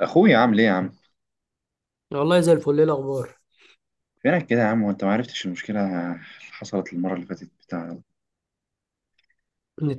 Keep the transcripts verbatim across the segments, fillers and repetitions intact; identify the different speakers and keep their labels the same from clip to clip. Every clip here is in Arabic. Speaker 1: اخويا عامل ايه يا عم؟
Speaker 2: والله زي الفل، ايه الاخبار؟
Speaker 1: فينك كده يا عم وانت ما عرفتش المشكله اللي حصلت المره اللي فاتت بتاع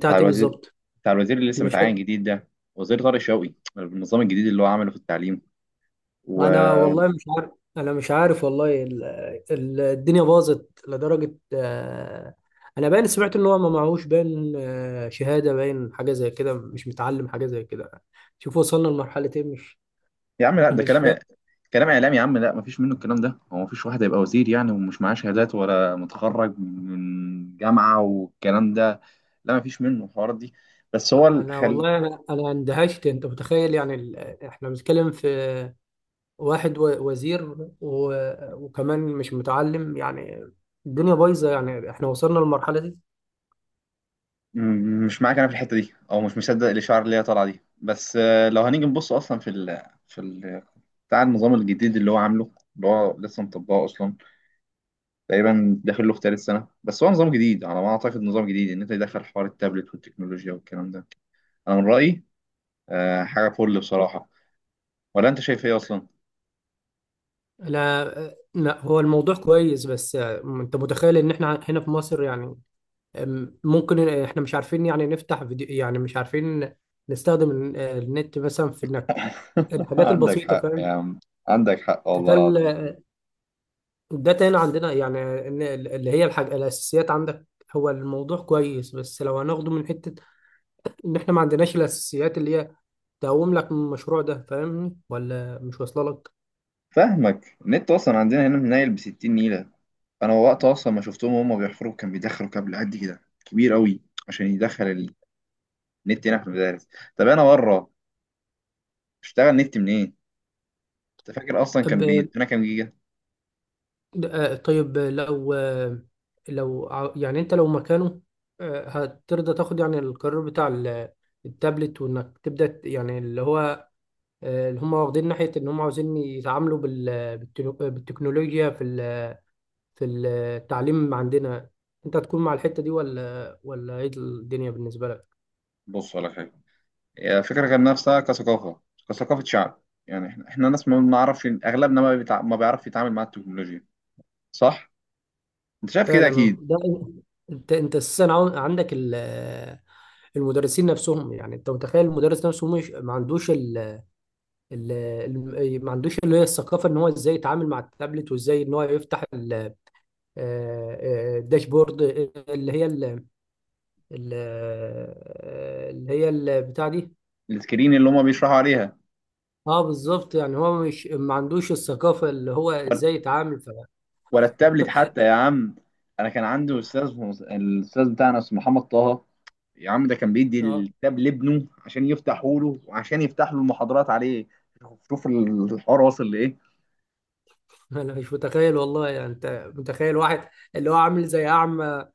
Speaker 1: بتاع الوزير،
Speaker 2: بالظبط.
Speaker 1: بتاع الوزير اللي لسه متعين
Speaker 2: المشاكل.
Speaker 1: جديد ده، وزير طارق شوقي، بالنظام الجديد اللي هو عمله في التعليم و
Speaker 2: انا والله مش عارف. انا مش عارف والله. ال... ال... الدنيا باظت لدرجه، آه، انا باين سمعت ان هو ما معهوش، باين آه، شهاده، باين حاجه زي كده، مش متعلم حاجه زي كده. شوف وصلنا لمرحله ايه، مش
Speaker 1: يا عم، لا ده
Speaker 2: مش
Speaker 1: كلام
Speaker 2: فاهم.
Speaker 1: كلام اعلام يا عم. لا ما فيش منه الكلام ده. هو ما فيش واحد هيبقى وزير يعني ومش معاه شهادات ولا متخرج من جامعه والكلام ده. لا ما فيش منه الحوارات دي. بس هو ال-
Speaker 2: انا
Speaker 1: خل...
Speaker 2: والله انا انا اندهشت. انت متخيل يعني ال... احنا بنتكلم في واحد و... وزير و... وكمان مش متعلم، يعني الدنيا بايظه. يعني احنا وصلنا للمرحله دي.
Speaker 1: م- مش معاك انا في الحته دي، او مش مصدق الاشاعه اللي هي طالعه دي، بس آه، لو هنيجي نبص اصلا في ال في ال بتاع النظام الجديد اللي هو عامله، اللي هو لسه مطبقه اصلا، تقريبا داخل له في ثالث سنه. بس هو نظام جديد على ما اعتقد، نظام جديد ان انت يدخل حوار التابلت والتكنولوجيا والكلام ده. انا من رايي آه، حاجه فل بصراحه. ولا انت شايف ايه اصلا؟
Speaker 2: لا لا، هو الموضوع كويس، بس انت متخيل ان احنا هنا في مصر يعني؟ أم، ممكن احنا مش عارفين يعني نفتح فيديو، يعني مش عارفين نستخدم ال- النت مثلا في انك الحاجات
Speaker 1: عندك
Speaker 2: البسيطة،
Speaker 1: حق
Speaker 2: فاهم؟
Speaker 1: يا عم، عندك حق والله
Speaker 2: تخيل
Speaker 1: العظيم.
Speaker 2: الداتا هنا عندنا، يعني ان ال- اللي هي الحاجة الاساسيات عندك. هو الموضوع كويس، بس لو هناخده من حتة ان احنا ما عندناش الاساسيات اللي هي تقوم لك من المشروع ده. فاهمني ولا مش واصله لك؟
Speaker 1: فاهمك، النت اصلا عندنا هنا نايل ب ستين نيله. انا وقت اصلا ما شفتهم وهم بيحفروا كان بيدخلوا كابل قد كده كبير قوي عشان يدخل النت هنا في المدارس. طب انا بره اشتغل نت منين؟ انت فاكر اصلا كان بيدينا كام جيجا؟
Speaker 2: آه، طيب، لو آه، لو ع- يعني انت لو مكانه، آه، هترضى تاخد يعني القرار بتاع ال- التابلت، وانك تبدأ ت- يعني اللي هو آه، اللي هم واخدين ناحية ان هم عاوزين يتعاملوا بال- بالتنو- بالتكنولوجيا في ال- في التعليم عندنا؟ انت هتكون مع الحتة دي ولا ولا ايه الدنيا بالنسبة لك؟
Speaker 1: بص على حاجه، هي الفكره كان نفسها كثقافه، كثقافه شعب. يعني احنا احنا ناس ما بنعرفش، اغلبنا ما, بيتع... ما بيعرف يتعامل مع التكنولوجيا. صح؟ انت شايف كده
Speaker 2: فعلا، اه،
Speaker 1: اكيد.
Speaker 2: ده انت انت اساسا عن- عندك ال- المدرسين نفسهم. يعني انت متخيل المدرس نفسه مش ما عندوش ال- ال- ما عندوش اللي هي الثقافه ان هو ازاي يتعامل مع التابلت، وازاي ان هو يفتح ال- آه، آه، الداشبورد اللي هي ال- ال- آه، اللي هي البتاع دي.
Speaker 1: السكرين اللي هما بيشرحوا عليها،
Speaker 2: اه، بالظبط. يعني هو مش ما عندوش الثقافه اللي هو ازاي يتعامل ف...
Speaker 1: ولا التابلت حتى يا عم. انا كان عندي استاذ، الاستاذ بتاعنا اسمه محمد طه، يا عم ده كان بيدي
Speaker 2: اه،
Speaker 1: الكتاب لابنه عشان يفتحوا له وعشان يفتح له المحاضرات عليه. شوف الحوار واصل لايه.
Speaker 2: انا مش متخيل والله. يعني انت متخيل واحد اللي هو عامل زي اعمى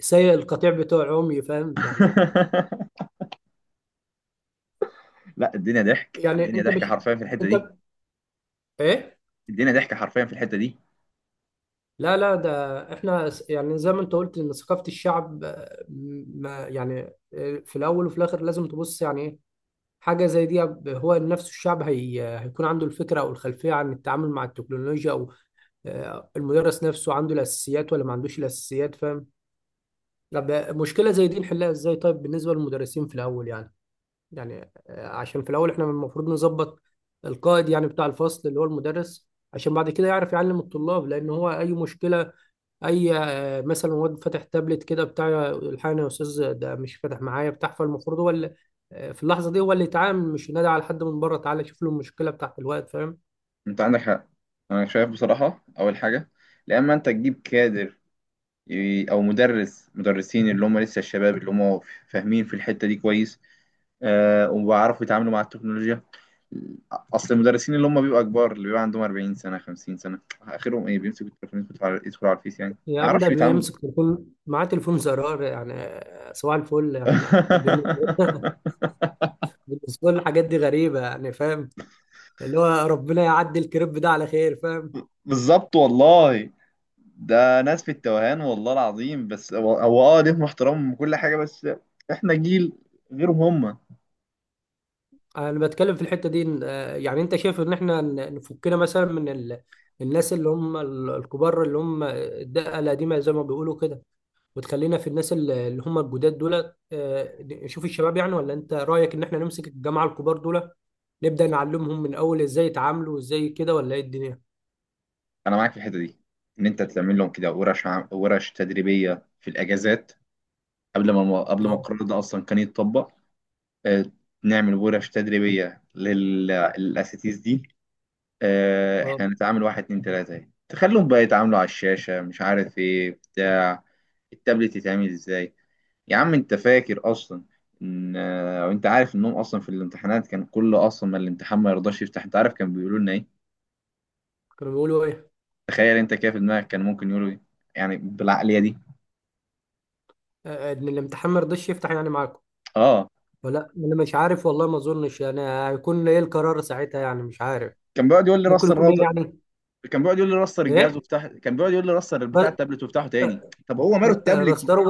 Speaker 2: سايق القطيع بتوع عمي، فاهم يعني؟
Speaker 1: لا الدنيا ضحك،
Speaker 2: يعني
Speaker 1: الدنيا
Speaker 2: انت
Speaker 1: ضحك
Speaker 2: مش
Speaker 1: حرفيا في الحته دي.
Speaker 2: انت، ايه؟
Speaker 1: الدنيا ضحك حرفيا في الحته دي.
Speaker 2: لا لا، ده احنا س- يعني زي ما انت قلت ان ثقافة الشعب، آه، ما يعني، آه، في الاول وفي الاخر لازم تبص يعني ايه حاجة زي دي. ب- هو نفسه الشعب، هي هيكون عنده الفكرة او الخلفية عن التعامل مع التكنولوجيا، او آه، المدرس نفسه عنده الاساسيات ولا ما عندوش الاساسيات، فاهم؟ طب مشكلة زي دي نحلها ازاي؟ طيب بالنسبة للمدرسين في الاول يعني، يعني آه، عشان في الاول احنا المفروض نظبط القائد، يعني بتاع الفصل اللي هو المدرس، عشان بعد كده يعرف يعلم الطلاب. لان هو اي مشكله، اي آه، مثلا واد فاتح تابلت كده بتاع، الحقني يا استاذ ده مش فاتح معايا بتاع، فالمفروض هو اللي آه، في اللحظه دي هو اللي يتعامل، مش ينادي على حد من بره تعالى شوف له المشكله بتاعت الواد، فاهم؟
Speaker 1: انت عندك حق. انا شايف بصراحه اول حاجه لما انت تجيب كادر، ي- او مدرس، مدرسين اللي هم لسه الشباب، اللي هم فاهمين في الحته دي كويس، آه، وبيعرفوا يتعاملوا مع التكنولوجيا. اصل المدرسين اللي هم بيبقوا كبار، اللي بيبقى عندهم اربعين سنه خمسين سنه، اخرهم ايه؟ بيمسكوا التليفون يدخلوا على يدخلوا على الفيس، يعني
Speaker 2: يا
Speaker 1: ما
Speaker 2: عم، ده
Speaker 1: اعرفش يتعاملوا.
Speaker 2: بيمسك تليفون، معاه تليفون زرار، يعني آه، صباح الفل. يعني ما بالنسبه، بالنسبة لي الحاجات دي غريبه يعني، فاهم؟ اللي هو ربنا يعدي الكريب ده على خير، فاهم؟
Speaker 1: بالظبط والله. ده ناس في التوهان والله العظيم. بس هو هو اه ليهم احترامهم وكل حاجه، بس احنا جيل غيرهم هم.
Speaker 2: انا بتكلم في الحته دي إن- آه، يعني انت شايف ان احنا ن- نفكنا مثلا من ال... الناس اللي هم ال- الكبار اللي هم الدقه القديمه، زي ما بيقولوا كده، وتخلينا في الناس ال- اللي هم الجداد دول، آه، نشوف الشباب يعني. ولا انت رايك ان احنا نمسك الجماعه الكبار دول، نبدا نعلمهم من اول ازاي يتعاملوا وازاي كده، ولا ايه الدنيا؟
Speaker 1: انا معاك في الحته دي، ان انت تعمل لهم كده ورش عم... ورش تدريبيه في الاجازات، قبل ما قبل ما
Speaker 2: اه
Speaker 1: القرار ده اصلا كان يتطبق. آه، نعمل ورش تدريبية للأساتيز دي. آه،
Speaker 2: اه.
Speaker 1: إحنا هنتعامل واحد اتنين تلاتة اهي. تخليهم بقى يتعاملوا على الشاشة، مش عارف إيه، بتاع التابلت يتعمل إزاي. يا عم أنت فاكر أصلا إن آه، وأنت عارف إنهم أصلا في الامتحانات كان كل أصلا ما الامتحان ما يرضاش يفتح، أنت عارف كان بيقولوا لنا إيه؟
Speaker 2: كانوا بيقولوا ايه؟
Speaker 1: تخيل أنت كده في دماغك، كان ممكن يقولوا إيه يعني بالعقلية دي؟
Speaker 2: آه، آه، ان الامتحان ما رضاش يفتح، يعني معاكم؟
Speaker 1: آه،
Speaker 2: ولا انا مش عارف والله، ما اظنش. يعني هيكون ايه القرار ساعتها، يعني مش عارف
Speaker 1: كان بيقعد يقول لي
Speaker 2: ممكن
Speaker 1: رستر
Speaker 2: يكون ايه
Speaker 1: الراوتر،
Speaker 2: يعني.
Speaker 1: كان بيقعد يقول لي رستر الجهاز
Speaker 2: ايه؟
Speaker 1: وافتح، كان بيقعد يقول لي رستر بتاع التابلت وافتحه تاني. طب هو ماله
Speaker 2: ر-
Speaker 1: التابلت؟
Speaker 2: رسترو؟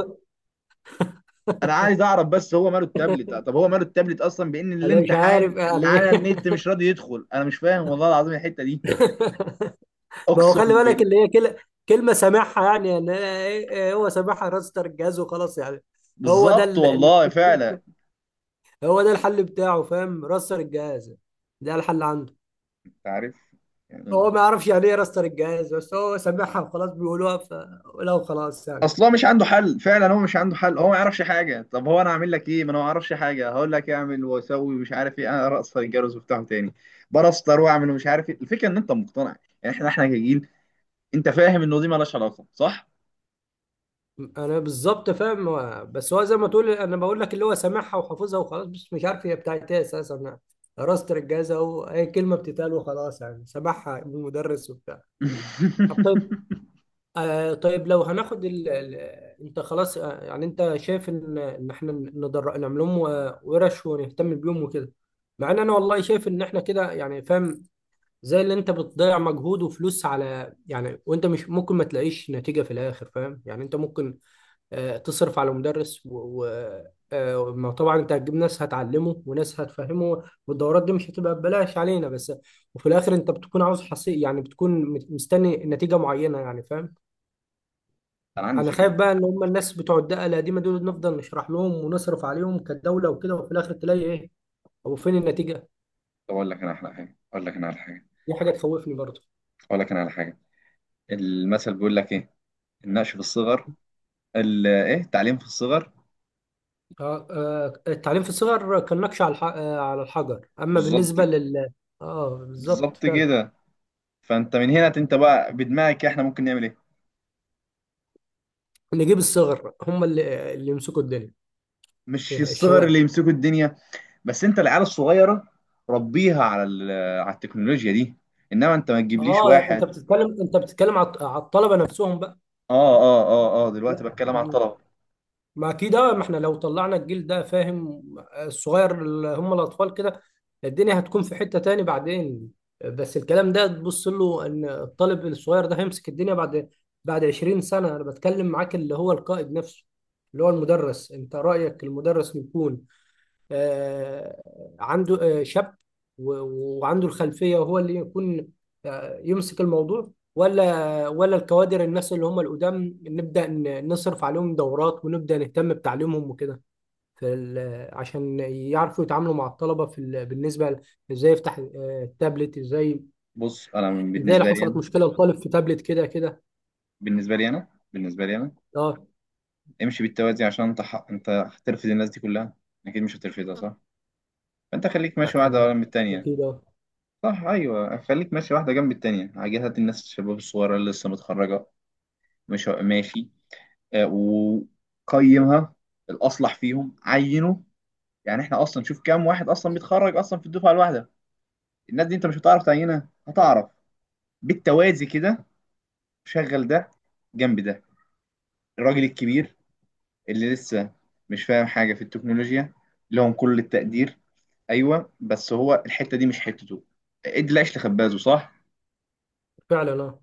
Speaker 1: انا عايز اعرف، بس هو ماله التابلت؟ طب هو ماله التابلت اصلا بان
Speaker 2: انا مش
Speaker 1: الامتحان
Speaker 2: عارف
Speaker 1: اللي
Speaker 2: يعني
Speaker 1: على
Speaker 2: ايه.
Speaker 1: النت مش راضي يدخل؟ انا مش فاهم والله العظيم الحته دي.
Speaker 2: ما هو
Speaker 1: اقسم
Speaker 2: خلي بالك
Speaker 1: بال...
Speaker 2: اللي هي كل... كلمه سامعها يعني, يعني إيه- إيه، هو سامعها راستر الجهاز وخلاص يعني. هو ده
Speaker 1: بالظبط
Speaker 2: ال... ال-
Speaker 1: والله فعلا.
Speaker 2: هو ده الحل بتاعه، فاهم؟ راستر الجهاز، ده الحل عنده.
Speaker 1: انت عارف يعني،
Speaker 2: هو ما يعرفش يعني ايه راستر الجهاز، بس هو سامعها وخلاص، بيقولوها فلو خلاص يعني.
Speaker 1: اصلا مش عنده حل. فعلا هو مش عنده حل، هو ما يعرفش حاجه. طب هو انا اعمل لك ايه؟ ما انا ما اعرفش حاجه، هقول لك اعمل واسوي مش عارف ايه، انا ارقص الجرس وافتحه تاني برستر واعمل ومش عارف ايه. الفكره ان انت مقتنع. يعني احنا احنا كجيل، انت فاهم انه دي مالهاش علاقه، صح؟
Speaker 2: انا بالظبط فاهم. هو- بس هو زي ما تقول، انا بقول لك اللي هو سامعها وحافظها وخلاص، بس مش عارف هي بتاعت ايه اساسا. انا درست الجهاز اهو، اي كلمه بتتقال وخلاص، يعني سامعها من المدرس وبتاع. طب طيب، آه طيب لو هناخد ال... ال... انت خلاص، آه يعني انت شايف ان ان احنا ندر... نعمل لهم و- ورش، ونهتم بيهم وكده. مع ان انا والله شايف ان احنا كده يعني، فاهم؟ زي اللي انت بتضيع مجهود وفلوس على يعني، وانت مش ممكن ما تلاقيش نتيجه في الاخر، فاهم؟ يعني انت ممكن آه، تصرف على مدرس و... و... آه، ما طبعا انت هتجيب ناس هتعلمه وناس هتفهمه، والدورات دي مش هتبقى ببلاش علينا. بس وفي الاخر انت بتكون عاوز حصي، يعني بتكون مت- مستني نتيجة معينة، يعني فاهم؟
Speaker 1: انا عندي
Speaker 2: انا خايف
Speaker 1: فكره.
Speaker 2: بقى ان هم الناس بتوع الدقة القديمة دول نفضل نشرح لهم ونصرف عليهم كدولة وكده، وفي الاخر تلاقي ايه او فين النتيجة؟
Speaker 1: طب اقول لك انا احلى حاجه، اقول لك انا على حاجه
Speaker 2: دي حاجة تخوفني برضه.
Speaker 1: اقول لك انا على حاجه. المثل بيقول لك ايه؟ النقش في الصغر. ال ايه؟ التعليم في الصغر.
Speaker 2: آه، آه، التعليم في الصغر كان نقش على الح- آه، على الحجر، اما
Speaker 1: بالظبط.
Speaker 2: بالنسبة لل، اه بالظبط
Speaker 1: بالظبط
Speaker 2: فعلا.
Speaker 1: كده. فانت من هنا، انت بقى بدماغك، احنا ممكن نعمل ايه؟
Speaker 2: نجيب الصغر هم اللي اللي يمسكوا الدنيا،
Speaker 1: مش الصغر اللي
Speaker 2: الشباب.
Speaker 1: يمسكوا الدنيا؟ بس انت العيال الصغيره ربيها على ال- على التكنولوجيا دي. انما انت ما تجيبليش
Speaker 2: اه انت
Speaker 1: واحد.
Speaker 2: بتتكلم، انت بتتكلم على على الطلبه نفسهم بقى؟
Speaker 1: اه اه اه اه، دلوقتي
Speaker 2: لا،
Speaker 1: بتكلم على الطلبه.
Speaker 2: ما اكيد، آه، ما احنا لو طلعنا الجيل ده، فاهم؟ الصغير اللي هم الاطفال كده، الدنيا هتكون في حته تاني بعدين. بس الكلام ده تبص له ان الطالب الصغير ده هيمسك الدنيا بعد بعد عشرين سنه. انا بتكلم معاك اللي هو القائد نفسه، اللي هو المدرس. انت رايك المدرس يكون آه، عنده، آه، شاب، و- وعنده الخلفية، وهو اللي يكون آه، يمسك الموضوع، ولا ولا الكوادر الناس اللي هم القدام نبدأ ن- نصرف عليهم دورات ونبدأ نهتم بتعليمهم وكده في ال- عشان يعرفوا يتعاملوا مع الطلبة في ال- بالنسبة ل- ازاي يفتح آه، التابلت، ازاي
Speaker 1: بص، انا
Speaker 2: ازاي لو
Speaker 1: بالنسبه لي انا،
Speaker 2: حصلت مشكلة لطالب في تابلت كده كده؟
Speaker 1: بالنسبه لي انا بالنسبه لي انا
Speaker 2: اه.
Speaker 1: امشي بالتوازي، عشان انت ح... انت هترفض الناس دي كلها؟ اكيد مش هترفضها، صح؟ فانت خليك
Speaker 2: آه،
Speaker 1: ماشي واحده ورا
Speaker 2: آه،
Speaker 1: من التانيه.
Speaker 2: اكيد، اه.
Speaker 1: صح، ايوه، خليك ماشي واحده جنب التانيه. عاجبها الناس الشباب الصغيره اللي لسه متخرجه، مش ماشي، آه، وقيمها، الاصلح فيهم عينه. يعني احنا اصلا شوف كام واحد اصلا بيتخرج اصلا في الدفعه الواحده؟ الناس دي انت مش هتعرف تعينها، هتعرف بالتوازي كده. شغل ده جنب ده. الراجل الكبير اللي لسه مش فاهم حاجه في التكنولوجيا، لهم كل التقدير، ايوه، بس هو الحته دي مش حتته. ادي العيش لخبازه، صح؟
Speaker 2: فعلا اه.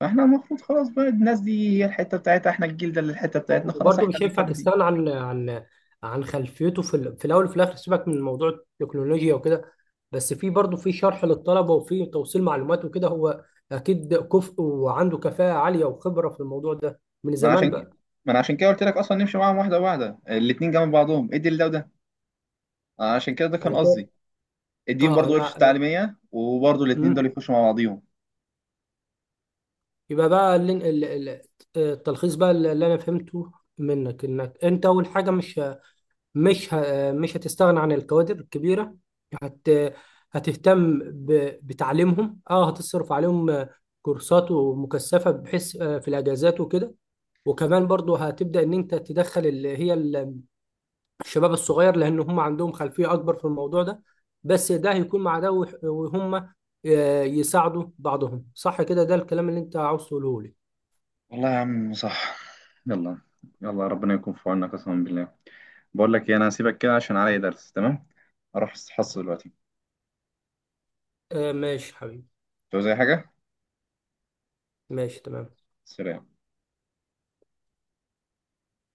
Speaker 1: فاحنا المفروض خلاص بقى الناس دي هي الحته بتاعتها، احنا الجيل ده اللي الحته بتاعتنا. خلاص
Speaker 2: وبرضه
Speaker 1: احنا
Speaker 2: مش
Speaker 1: اللي
Speaker 2: هينفع
Speaker 1: نكمل دي.
Speaker 2: تستغنى عن عن عن خلفيته في ال- في الاول وفي الاخر. سيبك من موضوع التكنولوجيا وكده، بس في برضه في شرح للطلبه، وفي توصيل معلومات وكده. هو اكيد كفء، وعنده كفاءه عاليه وخبره في الموضوع ده من
Speaker 1: ما أنا
Speaker 2: زمان
Speaker 1: عشان كده
Speaker 2: بقى.
Speaker 1: ما انا عشان كده قلت لك اصلا نمشي معاهم واحده واحده، الاتنين جنب بعضهم، ادي لده وده. أنا عشان كده ده كان
Speaker 2: انا
Speaker 1: قصدي.
Speaker 2: شايف.
Speaker 1: اديهم
Speaker 2: اه،
Speaker 1: برضه
Speaker 2: انا
Speaker 1: ورشه
Speaker 2: انا
Speaker 1: تعليميه، وبرضه الاتنين دول
Speaker 2: مم.
Speaker 1: يخشوا مع بعضيهم.
Speaker 2: يبقى بقى ال- ال- ال- التلخيص بقى اللي انا فهمته منك، انك انت اول حاجه مش، مش ه... مش هتستغنى عن الكوادر الكبيرة، هت... هتهتم ب... بتعليمهم، اه، هتصرف عليهم آه، كورسات ومكثفة، بحيث آه، في الأجازات وكده. وكمان برضو هتبدأ إن أنت تدخل اللي هي ال- الشباب الصغير، لأن هم عندهم خلفية أكبر في الموضوع ده. بس ده هيكون مع ده، وح- وهم آه، يساعدوا بعضهم، صح كده؟ ده الكلام اللي أنت عاوز تقوله لي.
Speaker 1: والله يا عم صح. يلا، يلا ربنا يكون في عوننا قسما بالله. بقول لك ايه، انا هسيبك كده عشان عليا درس، تمام؟ اروح استحصى دلوقتي.
Speaker 2: آه، ماشي حبيبي.
Speaker 1: تعوز اي حاجه؟
Speaker 2: ماشي تمام.
Speaker 1: سلام.